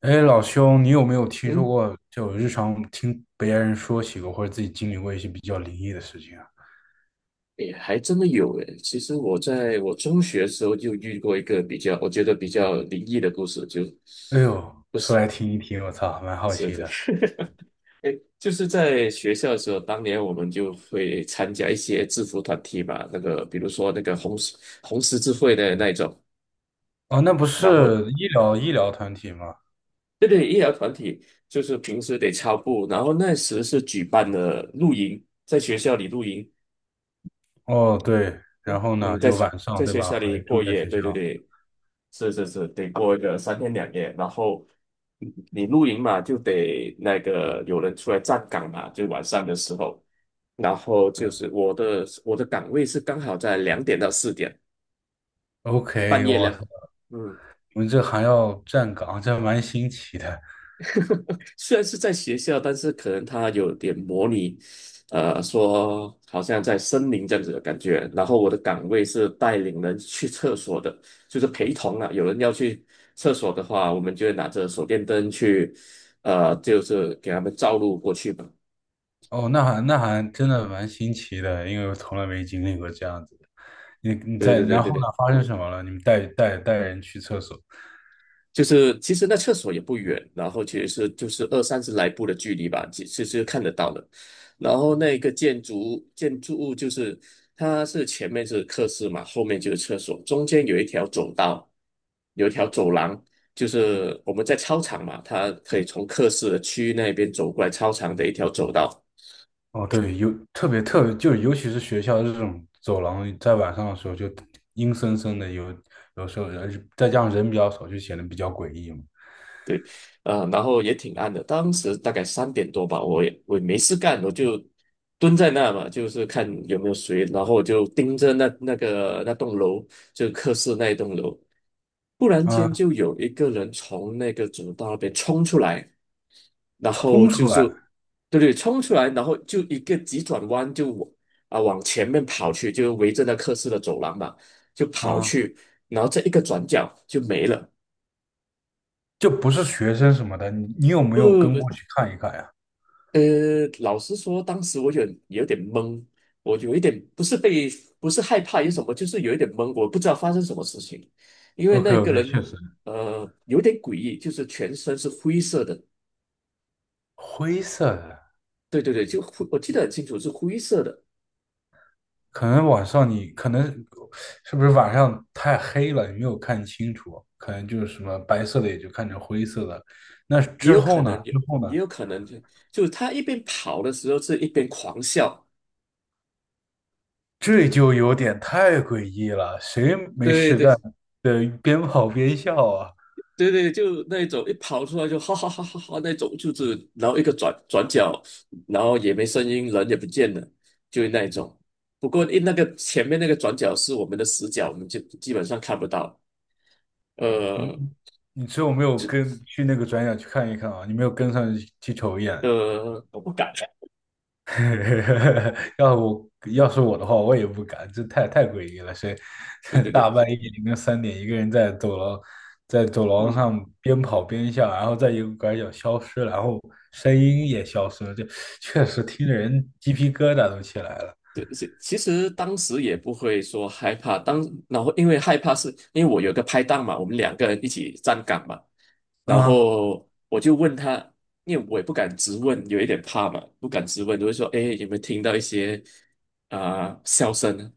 哎，老兄，你有没有听说嗯，过，就日常听别人说起过，或者自己经历过一些比较灵异的事情啊？也还真的有诶。其实我在我中学的时候就遇过一个比较，我觉得比较灵异的故事，就哎呦，不说是来听一听，我操，蛮好是奇的，的。诶，就是在学校的时候，当年我们就会参加一些制服团体嘛，那个比如说那个红十字会的那一种，哦，那不然后是医疗团体吗？对对，医疗团体就是平时得操步，然后那时是举办了露营，在学校里露营，哦，对，然后呢，嗯，在就晚在上对学吧，校里会住过在夜，学校。对对对，是是是，得过一个三天两夜，然后你露营嘛，就得那个有人出来站岗嘛，就晚上的时候，然后就是我的岗位是刚好在2点到4点，半 OK，夜我两，操，嗯。你们这还要站岗，这还蛮新奇的。虽然是在学校，但是可能它有点模拟，说好像在森林这样子的感觉。然后我的岗位是带领人去厕所的，就是陪同啊。有人要去厕所的话，我们就会拿着手电灯去，就是给他们照路过去嘛。哦，那还真的蛮新奇的，因为我从来没经历过这样子的。你对在，对对然后对呢，对，发生什么了？你们带人去厕所。就是其实那厕所也不远，然后其实是就是二三十来步的距离吧，其实看得到的。然后那个建筑物就是它是前面是客室嘛，后面就是厕所，中间有一条走道，有一条走廊，就是我们在操场嘛，它可以从客室的区域那边走过来操场的一条走道。哦，对，特别特别，就尤其是学校这种走廊，在晚上的时候就阴森森的有时候人再加上人比较少，就显得比较诡异嘛。然后也挺暗的，当时大概3点多吧，我也没事干，我就蹲在那嘛，就是看有没有谁，然后我就盯着那栋楼，就科室那一栋楼，突然间啊，就有一个人从那个走道那边冲出来，然后冲就出是来对对，冲出来，然后就一个急转弯就往往前面跑去，就围着那科室的走廊嘛，就跑啊，去，然后这一个转角就没了。就不是学生什么的，你有没不有不跟不，过去看一看呀呃，老实说，当时我有点懵，我有一点不是害怕，有什么就是有一点懵，我不知道发生什么事情，因为？OK 那个 OK，确人实，有点诡异，就是全身是灰色的，灰色的，对对对，就灰，我记得很清楚是灰色的，可能是不是晚上太黑了，你没有看清楚，可能就是什么白色的也就看成灰色的。那也之有可后呢？能有之后也呢？有可能就他一边跑的时候是一边狂笑，这就有点太诡异了，谁没对事对，干？对，边跑边笑啊！对对，就那一种一跑出来就哈哈哈哈哈那种，就是然后一个转角，然后也没声音，人也不见了，就是那一种。不过那个前面那个转角是我们的死角，我们就基本上看不到。我呃你只有没有跟去那个转角去看一看啊？你没有跟上去瞅一眼。我不敢。要是我的话，我也不敢，这太诡异了。对对 对，大半夜凌晨3点一个人在走廊嗯。上边跑边笑，然后在一个拐角消失了然后声音也消失了，这确实听着人鸡皮疙瘩都起来了对，是其实当时也不会说害怕，然后因为害怕是因为我有个拍档嘛，我们两个人一起站岗嘛，然啊！后我就问他，因为我也不敢直问，有一点怕嘛，不敢直问，就会说，哎，有没有听到一些啊、笑声呢？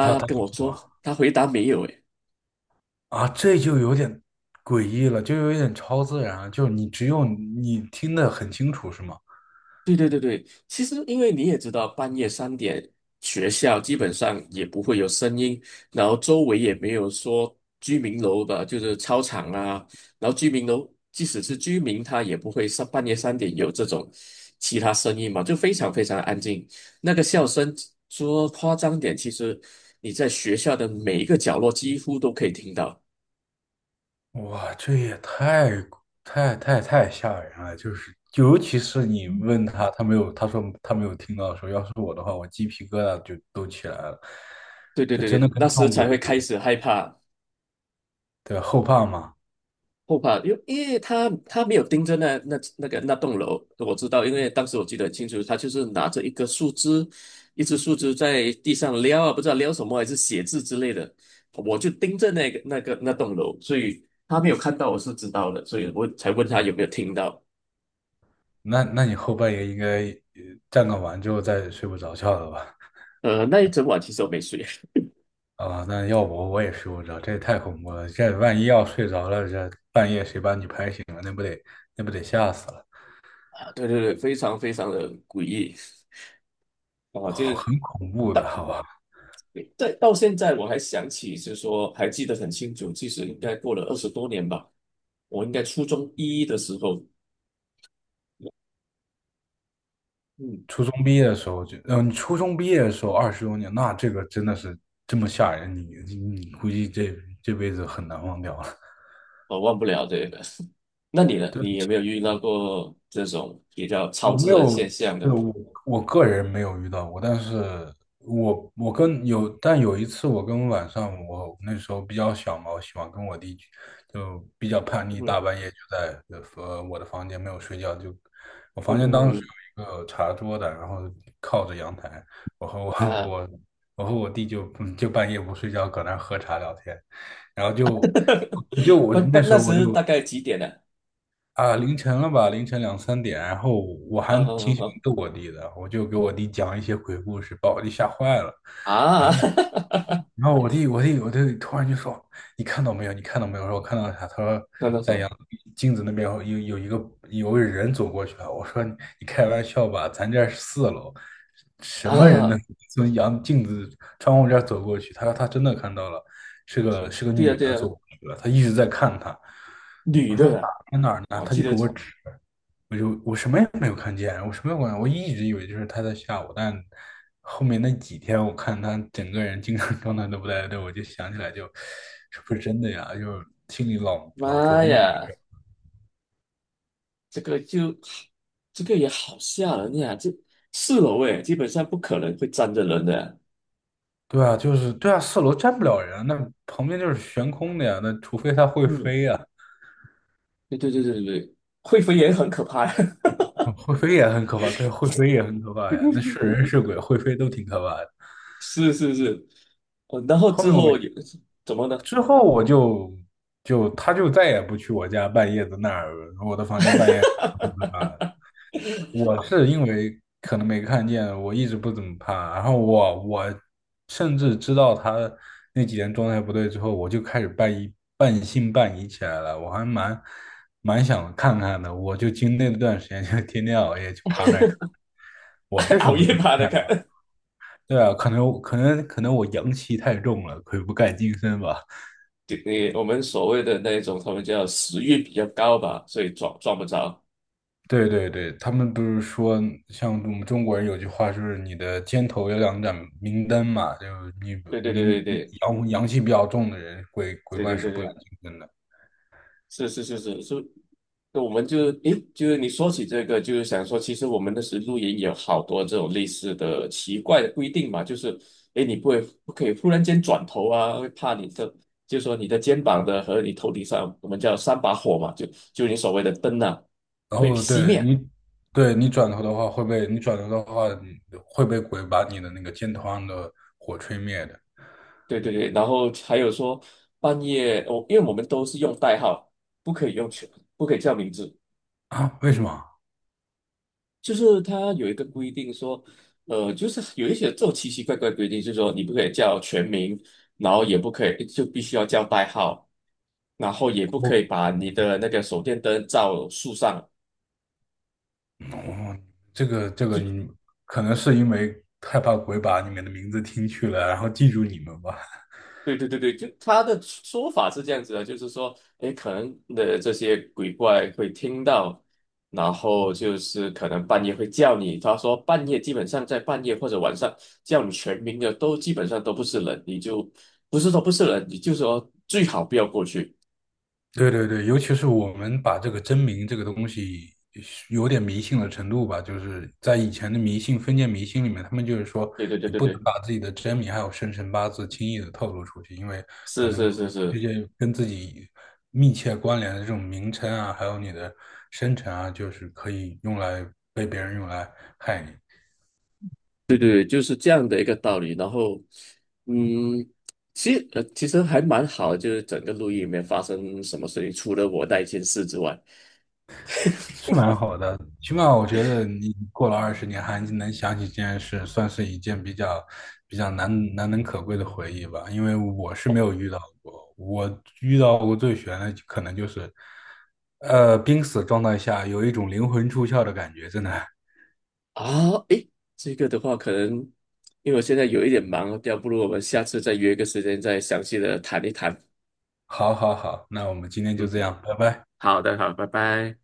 他他跟说我什说，么？他回答没有，啊，这就有点诡异了，就有点超自然了，就是只有你听得很清楚，是吗？对对对对，其实因为你也知道，半夜三点学校基本上也不会有声音，然后周围也没有说居民楼的，就是操场啊，然后居民楼即使是居民，他也不会上半夜三点有这种其他声音嘛，就非常非常安静。那个笑声说夸张点，其实你在学校的每一个角落几乎都可以听到。哇，这也太吓人了，就是尤其是你问他，他没有，他说他没有听到的时候，要是我的话，我鸡皮疙瘩就都起来了，对对这对真的对，那跟时撞才鬼会一开样始害怕对后怕嘛？后怕，因为因为他没有盯着那栋楼，我知道，因为当时我记得很清楚，他就是拿着一个树枝，一只树枝在地上撩啊，不知道撩什么，还是写字之类的，我就盯着那栋楼，所以他没有看到，我是知道的，所以我才问他有没有听到。那你后半夜应该呃站岗完之后再睡不着觉了吧？那一整晚其实我没睡啊，那要我也睡不着，这也太恐怖了。这万一要睡着了，这半夜谁把你拍醒了，那不得吓死了，啊，对对对，非常非常的诡异啊，就好是很恐怖到的，好吧？对，到现在我还想起，就是说还记得很清楚，其实应该过了20多年吧。我应该初中一的时候，嗯，初中毕业的时候就，嗯、你初中毕业的时候20多年，那这个真的是这么吓人，你估计这辈子很难忘掉了。我忘不了这个。那你 呢？对。你有没有遇到过这种比较超我没自然有，现象的？对，我个人没有遇到过，但有一次晚上我那时候比较小嘛，我喜欢跟我弟去就比较叛逆，大嗯半夜就在我的房间没有睡觉，就我嗯房间当时嗯有一个茶桌的，然后靠着阳台，我和我 嗯 啊，我我和我弟就半夜不睡觉搁那儿喝茶聊天，然后就我就 我不不，那时那候我时就大概几点呢、啊，凌晨了吧，凌晨2、3点，然后我还挺 喜欢啊？逗我弟的，我就给我弟讲一些鬼故事，把我弟吓坏了。然啊啊 后，然后我弟突然就说：“你看到没有？你看到没有？”我说：“我看到了啥？”他说：看到什“在么镜子那边有个人走过去了。”我说你：“你开玩笑吧？咱这儿是四楼，什么人能啊？从镜子窗户这儿走过去？”他说：“他真的看到了，是个对呀、女对的呀、走过去了，他一直在看他。”女我说。的、啊，在哪儿呢？我他记就得，给我指，我什么也没有看见，我什么也没有看见我一直以为就是他在吓我，但后面那几天我看他整个人精神状态都不太对，我就想起来就，是不是真的呀？就心里老妈琢磨着。呀，这个就这个也好吓人呀！这4楼诶，基本上不可能会站着人的、对啊，就是对啊，四楼站不了人啊那旁边就是悬空的呀，那除非他会嗯，飞呀，对对对对对，会飞也很可怕呀！会飞也很可怕，对，会飞也很可怕呀，那是人是鬼，会飞都挺可怕的。是是是，哦，然后后之面我后有怎么呢？之后我就就他就再也不去我家半夜的那儿，我的房间半夜啊，我是因为可能没看见，我一直不怎么怕，然后我甚至知道他那几天状态不对之后，我就开始半疑半信半疑起来了，我还蛮想看看的，我就经历那段时间就天天熬夜去趴那儿看，我是什熬么都夜没爬的看，看，对啊，可能我阳气太重了，鬼不敢近身吧。对，你我们所谓的那种，他们叫食欲比较高吧，所以抓不着。对对对，他们不是说，像我们中国人有句话，就是你的肩头有两盏明灯嘛，就是你对对对明对对阳气比较重的人，鬼对怪对对是不敢对。近身的。是是是是是，那我们就诶，就是你说起这个，就是想说，其实我们的时露营有好多这种类似的奇怪的规定嘛，就是诶，你不会不可以忽然间转头啊，会怕你的，就说你的肩膀的和你头顶上，我们叫三把火嘛，就你所谓的灯呐然会后熄灭。对你转头的话会被鬼把你的那个肩头上的火吹灭的对对对，然后还有说半夜，我因为我们都是用代号，不可以用全，不可以叫名字。啊？为什么？就是它有一个规定说，就是有一些这种奇奇怪怪的规定，就是说你不可以叫全名，然后也不可以就必须要叫代号，然后也不可以我把你的那个手电灯照树上，我这个你可能是因为害怕鬼把你们的名字听去了，然后记住你们吧。对对对对，就他的说法是这样子的，就是说，诶，可能的这些鬼怪会听到，然后就是可能半夜会叫你。他说半夜基本上在半夜或者晚上叫你全名的都基本上都不是人，你就不是说不是人，你就说最好不要过去。对对对，尤其是我们把这个真名这个东西是有点迷信的程度吧，就是在以前的迷信、封建迷信里面，他们就是说对对对你对不能对，把自己的真名还有生辰八字轻易的透露出去，因为可是能是是这是，些跟自己密切关联的这种名称啊，还有你的生辰啊，就是可以用来被别人用来害你。对对对，就是这样的一个道理。然后，嗯，其实还蛮好的，就是整个录音里面发生什么事情，除了我那一件事之外。是蛮好的，起码我觉得你过了20年还能想起这件事，算是一件比较难能可贵的回忆吧。因为我是没有遇到过，我遇到过最悬的可能就是，濒死状态下有一种灵魂出窍的感觉，真的。啊，诶，这个的话，可能因为我现在有一点忙，要不如我们下次再约个时间再详细的谈一谈。好好好，那我们今天就嗯这哼，样，拜拜。好的，好，拜拜。